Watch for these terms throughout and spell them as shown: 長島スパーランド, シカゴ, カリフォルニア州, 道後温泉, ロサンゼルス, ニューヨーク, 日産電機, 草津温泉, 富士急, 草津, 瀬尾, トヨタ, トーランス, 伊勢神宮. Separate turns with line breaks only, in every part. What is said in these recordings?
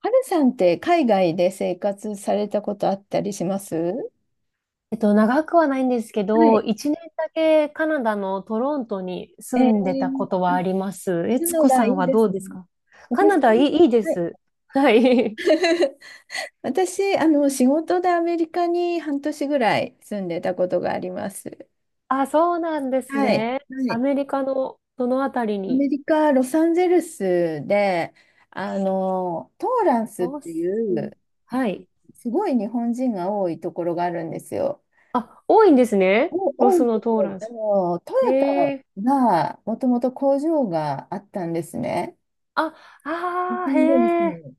はるさんって海外で生活されたことあったりしますは
長くはないんですけど、
い。
一年だけカナダのトロントに住
え
んでたこ
ー、
とはあります。え
カ
つ
ナ
こ
ダ
さ
い
ん
い
は
で
ど
す
う
ね。
ですか？カ
私、
ナダいい、いいで
はい、
す。はい。
私、仕事でアメリカに半年ぐらい住んでたことがあります。
あ、そうなんです
はい。
ね。
は
ア
い。
メリカのどのあたり
ア
に？
メリカ・ロサンゼルスで、トーランスっ
ロ
て
ス。
いう、
はい。
すごい日本人が多いところがあるんですよ。
あ、多いんですね。
お、
ロ
多
ス
いで
の
す
トーラ
よ。
ンス。
ト
へ
ヨタ
え。
が、もともと工場があったんですね。
あ、
日
ああ、へ
産電機に
え。
行っ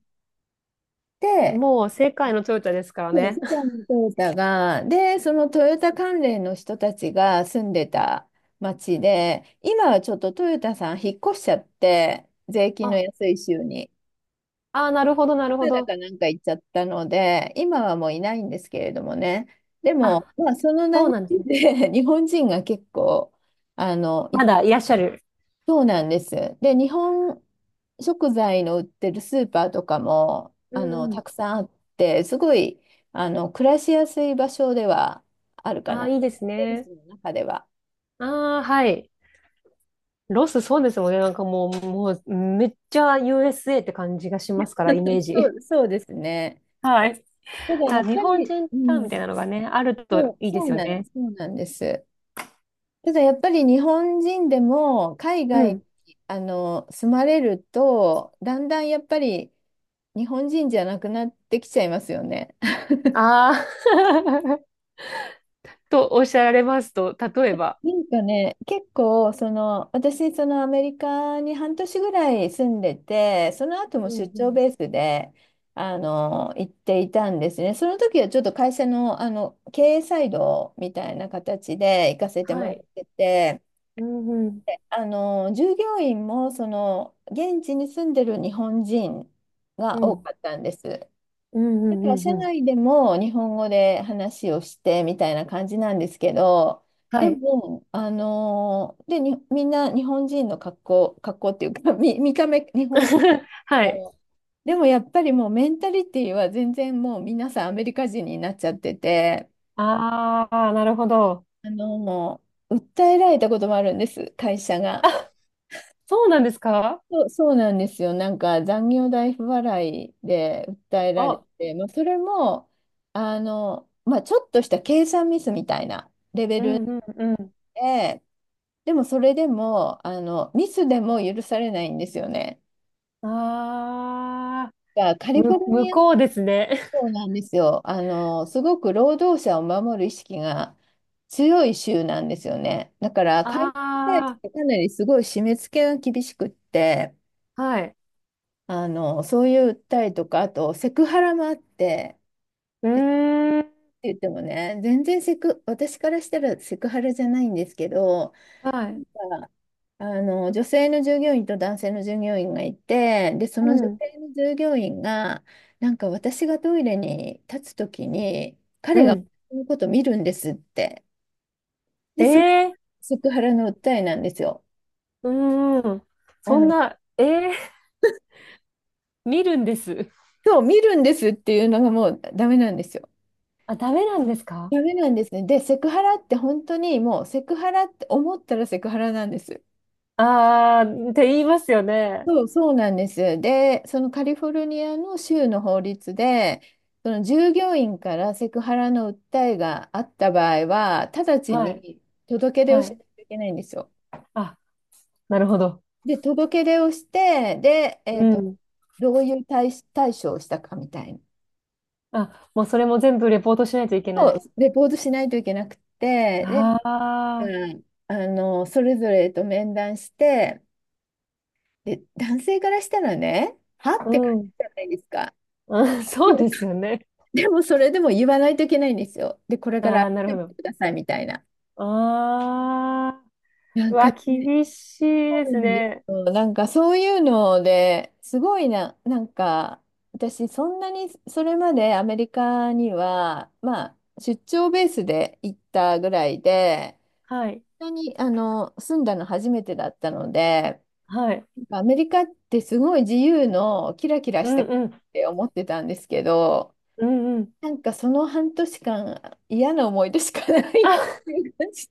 て、
もう世界のトヨタですから
そう
ね。
世 界のトヨタが、で、そのトヨタ関連の人たちが住んでた町で、今はちょっとトヨタさん引っ越しちゃって、税金の
あ、
安い州に、
あー、なるほど、なる
カ
ほ
ナダ
ど。
かなんか行っちゃったので、今はもういないんですけれどもね。でも、
あ、
まあ、その
そう
流
なんですね。
れで 日本人が結構、行
ま
っ
だいらっしゃる。
そうなんです。で、日本食材の売ってるスーパーとかも、
うんうん。
たくさんあって、すごい、暮らしやすい場所ではあるか
ああ、
な。
いい
ロ
で
サ
す
ンゼルス
ね。
の中では。
ああ、はい。ロス、そうですもんね。なんかもう、もう、めっちゃ USA って感じがしますから、イメー
そ
ジ。
う、そうですね。
はい。
ただや
あ、
っ
日
ぱ
本
り、
人
う
タウンみたい
ん、
なのがね、あると
そう、
いいで
そ
す
う
よ
なんで
ね。
す。そうなんです。ただやっぱり日本人でも海
う
外
ん。
に住まれると、だんだんやっぱり日本人じゃなくなってきちゃいますよね。
ああ。 とおっしゃられますと、例えば。
なんかね、結構、その、私、そのアメリカに半年ぐらい住んでて、その後も
うん
出
う
張
ん。
ベースで、行っていたんですね。その時はちょっと会社の、経営サイドみたいな形で行かせても
は
らっ
い。
てて、
うんうん。
で従業員も、その、現地に住んでる日本人
う
が多
ん。
かったんです。
うんう
だから
んう
社
んうん。
内でも日本語で話をしてみたいな感じなんですけど、
は
で
い。
も、あのーで、に、みんな日本人の格好っていうか、見た目日本人 だけ
はい。
ど、でもやっぱりもうメンタリティは全然もう皆さんアメリカ人になっちゃってて、
ああ、なるほど。
もう訴えられたこともあるんです、会社が。
あ、そうなんですか？
そうなんですよ。なんか残業代不払いで訴えられ
あ、
て、まあ、それもまあ、ちょっとした計算ミスみたいなレベ
う
ル
んうんうん。
で、でもそれでもあのミスでも許されないんですよね。
ああ。
がカリフォ
む、
ル
向
ニア
こうですね。
州 なんですよ。すごく労働者を守る意識が強い州なんですよね。だから会社に対し
あ
てかなりすごい締め付けが厳しくって。
あ、はい。
そういう訴えとか、あとセクハラもあって、
うーん、
って言ってもね、全然セク、私からしたらセクハラじゃないんですけど、
はい。
なんか女性の従業員と男性の従業員がいて、で、そ
う
の女
ん、
性の従業員が、なんか私がトイレに立つときに、
う
彼が
ん。
私のこと見るんですって。で、
え
それが
え
セクハラの訴えなんですよ。
ー。うーん。
あ
そん
の、
な、ええー。見るんです。
今日見るんですっていうのがもうダメなんですよ。
あ、ダメなんですか？
ダメなんですね。で、セクハラって本当にもうセクハラって思ったらセクハラなんです。
ああー、って言いますよね。
そうなんです。で、そのカリフォルニアの州の法律で、その従業員からセクハラの訴えがあった場合は、直ち
はい、
に届け出を
は
しな
い。
きゃいけないんですよ。
あ、なるほど。
で、届け出をして、で、
うん。
どういう対処をしたかみたいな。
あ、もうそれも全部レポートしないといけ
そ
な
う
い。
レポートしないといけなくて、で、
あ
うんそれぞれと面談して、で、男性からしたらね、は
あ、
って感
う
じ
ん。
じゃないですか。
うん、
で
そう
も、
ですよね。
でもそれでも言わないといけないんですよ。で、これ
あ
から
あ、
改
なる
め
ほ
て
ど。
くださいみたいな。
ああ、
な
う
んか
わ、
ね、
厳しい
そ
で
うな
す
んで
ね。
すよ。なんかそういうのですごいな、なんか私そんなにそれまでアメリカには、まあ出張ベースで行ったぐらいで、
はい。
そんなにあの住んだの初めてだったので、
はい。
なんかアメリカってすごい自由のキラキラ
う
し
ん
た国っ
うん。
て思ってたんですけど、
うんうん。
なんかその半年間嫌な思い出しかない っ
あ、
ていう感じ。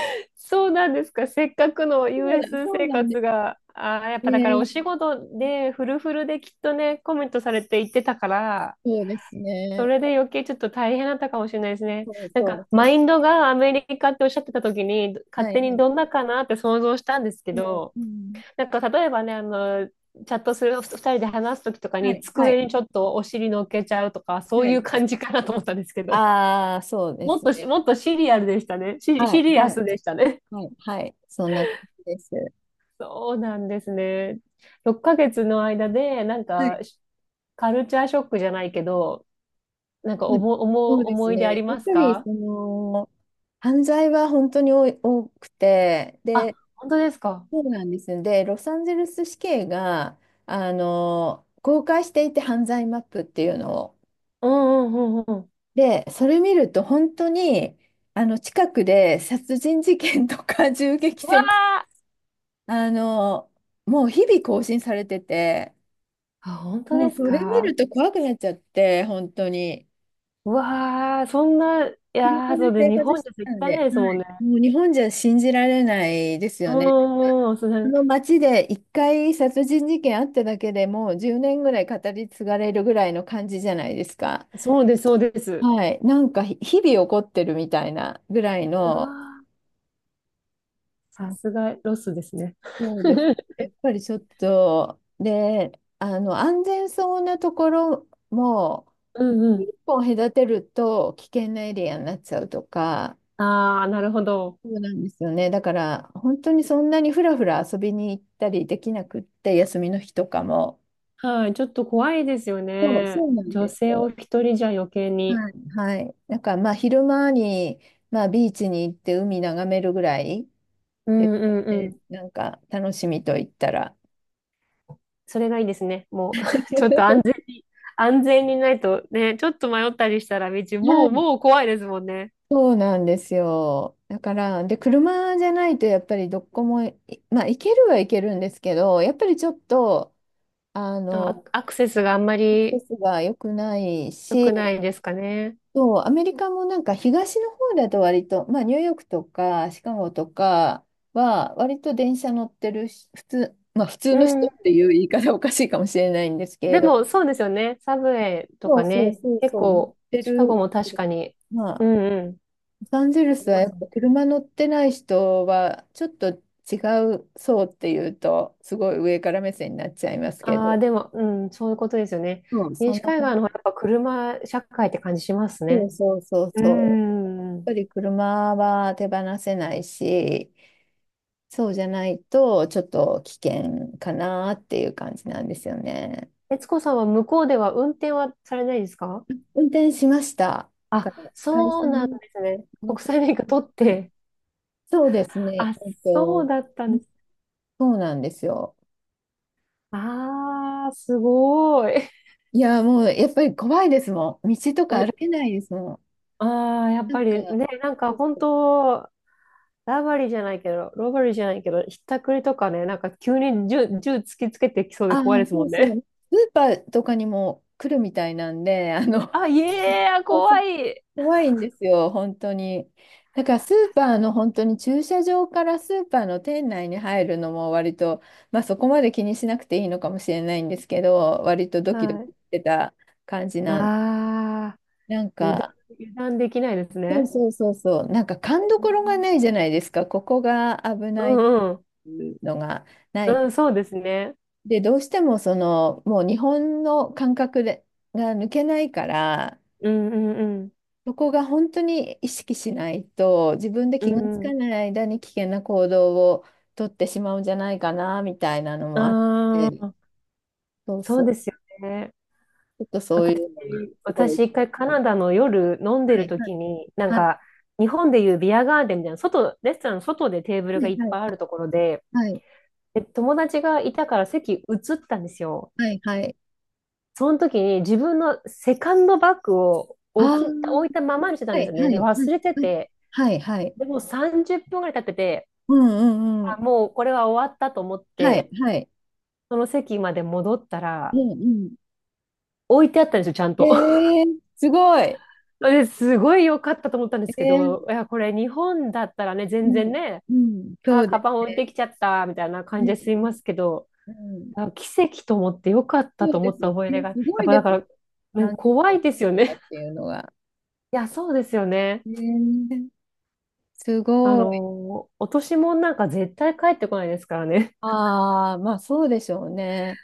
そうなんですか。せっかくの
そうだ、
US
そう
生
なんです
活が、あー、やっぱだから
ね。
お仕事でフルフルできっとね、コメントされて行ってたから、
そうです
そ
ね。
れで余計ちょっと大変だったかもしれないですね。
そう
なん
そう
か、
そ
マ
う。
インドがアメリカっておっしゃってた時に、勝
はい
手
は
に
い。
どんなかなって想像したんですけ
うん
ど、
うん、
なんか例えばね、チャットする2人で話す時とか
は
に
いはい
机にちょっとお尻乗っけちゃうとか、そう
は
い
い
う
はい。
感じかなと思ったんですけど。
ああ、そうですね。
もっとシリアルでしたね。
は
シ
い
リア
はい
スでしたね。
はいはい。そんな感じです。
そうなんですね。6ヶ月の間で、なん
はい。
か、しカルチャーショックじゃないけど、なんか
はい、
思、
そ
思
う
う、
です
思い出あ
ね。
り
やっ
ます
ぱり
か？
その犯罪は本当に多くて、
あ、
で、
本当ですか。
そうなんです。で、ロサンゼルス市警が、公開していて犯罪マップっていうのを。
うんうんうんうん。
で、それ見ると本当に、近くで殺人事件とか 銃撃
うわ
戦、
ー。
あの、もう日々更新されてて、
あ、本当
も
で
う
す
それ見
か？
ると怖くなっちゃって、本当に。
うわー、そんな、いや
車
ー、そ
で
うで、
生
日
活
本
し
じ
て
ゃ
た
絶
ん
対
で、は
ないですもんね。
い、もう日本じゃ信じられないです
う
よね。なんか
んうん、そ
あ
れ。
の街で一回殺人事件あっただけでもう10年ぐらい語り継がれるぐらいの感じじゃないですか。
そうです、そうです。
はい、なんか日々起こってるみたいなぐらい
う
の、
わー、さ
あ、
すがロスですね。
そうですね。やっぱりちょっと、で、あの安全そうなところも
うんう
一
ん。
本隔てると危険なエリアになっちゃうとか、
ああ、なるほど。
そうなんですよね。だから、本当にそんなにふらふら遊びに行ったりできなくって、休みの日とかも。
はい、ちょっと怖いですよ
そう、
ね。
そうなん
女
です
性を
よ。
一人じゃ余計に。
はい。はい。なんか、まあ、昼間に、まあ、ビーチに行って海眺めるぐらい
う
で
んう
すか
んう
ね。
ん。
なんか、楽しみと言ったら。
それがいいですね。もう、ちょっと 安全に、安全にないとね、ちょっと迷ったりしたら道、
は
もう、
い。
もう怖いですもんね。
そうなんですよ。だから、で、車じゃないとやっぱりどこもい、まあ、行けるは行けるんですけど、やっぱりちょっと、あ
あ、
の、
アクセスがあんま
アク
り
セスが良くない
良
し、
くないですかね。
そう、アメリカもなんか東の方だと割と、まあニューヨークとかシカゴとかは割と電車乗ってるし、普通、まあ普通
う
の人
ん。
っていう言い方おかしいかもしれないんですけれ
で
ど、
も、そうですよね。サブウェイと
そう
か
そう
ね。
そう
結
そう、乗っ
構、
て
シカゴ
る
も
け
確
ど。
かに。
ま
う
あ、
んうん。
ロサンゼル
あ
ス
り
は
ま
や
す
っぱ
ね。
車乗ってない人はちょっと違う層っていうと、すごい上から目線になっちゃいますけ
ああ、
ど、
でも、うん、そういうことですよね。
そう、そん
西
な
海岸
感
の方
じ。
がやっぱ車社会って感じします
そ
ね。
うそうそう
うー
そう。やっ
ん。
ぱり車は手放せないし、そうじゃないと、ちょっと危険かなっていう感じなんですよね。
悦子さんは向こうでは運転はされないですか？
運転しました。だか
あ、
ら会
そ
社
うなんで
の、
すね。
あの
国際免許取っ
はい
て。
そうですね。
あ、そうだったんです。
そうなんですよ。
あー、すごい。
いや、もうやっぱり怖いですもん。道と
お、
か歩けないですもん。
あー、やっ
な
ぱ
ん
り
か、
ね、なんか
そう
本
そう
当、ラバリーじゃないけど、ロバリーじゃないけど、ひったくりとかね、なんか急に銃突きつけてきそうで
ああ、
怖いですも
そう
ん
そ
ね。
う。スーパーとかにも来るみたいなんで、
あ、いえー、
そうそう
怖い。
怖いんですよ、本当に。だからスーパーの本当に駐車場からスーパーの店内に入るのも割と、まあそこまで気にしなくていいのかもしれないんですけど、割とドキドキ
はい。
してた感じなん。
あ
なん
ー、
か、
油断できないです
そう
ね。
そうそうそう、なんか勘どころがないじゃないですか、ここが危
う
ないっ
んうん。
ていうのがない。
うん、そうですね。
で、どうしてもその、もう日本の感覚でが抜けないから、
うんうん
そこが本当に意識しないと、自分で
う
気がつか
ん。
ない間に危険な行動をとってしまうんじゃないかな、みたいなの
う
もあっ
ん。あ
て、
あ、
そう
そう
そ
ですよね。
う、ちょっとそうい
私、
うのがすごい
私一
心
回カ
配
ナ
で
ダの夜飲んで
す。は
る
い、は
時
い、
に、なん
はい、
か、日本でいうビアガーデンみたいな、外、レストランの外でテーブ
は
ルがいっ
い、
ぱいあるところで、
はい、
で、友達がいたから席移ったんですよ。
はい、はい、
その時に自分のセカンドバッグを
ああー、
置いたままにしてたん
は
です
い、
よね。
はい、
で、
は
忘
い、
れて
うん、
て、
はい、はい、
でもう30分ぐらい経ってて、
うん、うん、う
あ、
ん、
もうこれは終わったと思っ
はい、
て、
はい、
その席まで戻った
う
ら、
ん、うん。
置いてあったんですよ、ちゃん
え
と。
えー、すごい。え
ですごい良かったと思ったんですけ
え
ど、いや、これ日本だったらね、
う
全然
ん、
ね、
うん、そ
あ、
うで
カバン
す
置いてきちゃった、みたいな感じで済み
ね。
ますけど、
うん、うん、
あ、奇跡と思って良かった
そう
と思
で
っ
す
た
ね。
思い出が、やっ
すごい
ぱ
で
だか
すね
ら、ね、
感じ
怖
ゅっ
いですよ
てたっ
ね。
ていうのが。
いや、そうですよね。
へえすごい。
落とし物なんか絶対帰ってこないですからね。
ああ、まあそうでしょうね。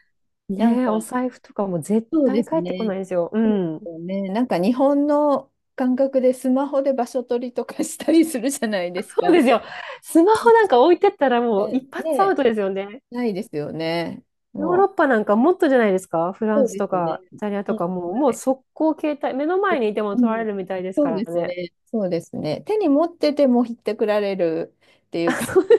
なんか、
ねえ、お財布とかも絶
そうで
対
す
帰ってこ
ね。
ないですよ。う
そうで
ん。
すよね。なんか日本の感覚でスマホで場所取りとかしたりするじゃないですか。
そうですよ。スマホなんか置いてったらもう
え
一発アウ
ね、
トですよね。
ないですよね。
ヨーロッ
も
パなんかもっとじゃないですか？フ
う。
ラ
そ
ン
う
ス
で
と
すね。
かイタリア
う
と
ん、は
かもう
い。
速攻携帯、目の前にいても
う
取ら
ん。
れるみたいです
そう
か
で
ら
す
ね。
ね。そうですね。手に持っててもひってくられるっていう 感
そ、
じ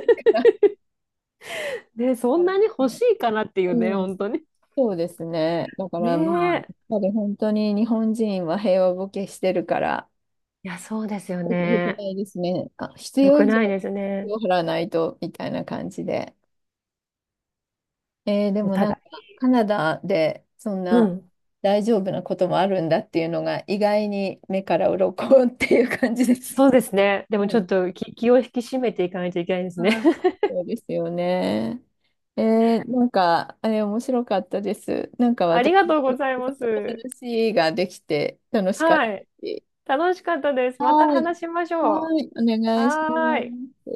ね、そ
か
ん
ら。
なに欲しいかなっていうね、
うん。
本当に。
そうですね。だか
ね
らまあ、やっ
え。
ぱり本当に日本人は平和ボケしてるから、
いや、そうですよ
よく
ね。
ないですね。あ、必
よ
要
く
以上
ないです
に
ね。
払わないと、みたいな感じで。えーで
お
もなん
互い。
か、カナダでそん
う
な
ん。
大丈夫なこともあるんだっていうのが、意外に目から鱗 っていう感じです。
そうですね。で
う
もち
ん
ょっと気を引き締めていかないといけないですね。
はい、そうですよね。えーなんか、あれ面白かったです。なんか
あ
私
りがとうございま
の
す。
話ができて楽しかった
はい。
し。
楽しかったです。ま
は
た
い。
話しましょう。
はい。お願いしま
はーい。
す。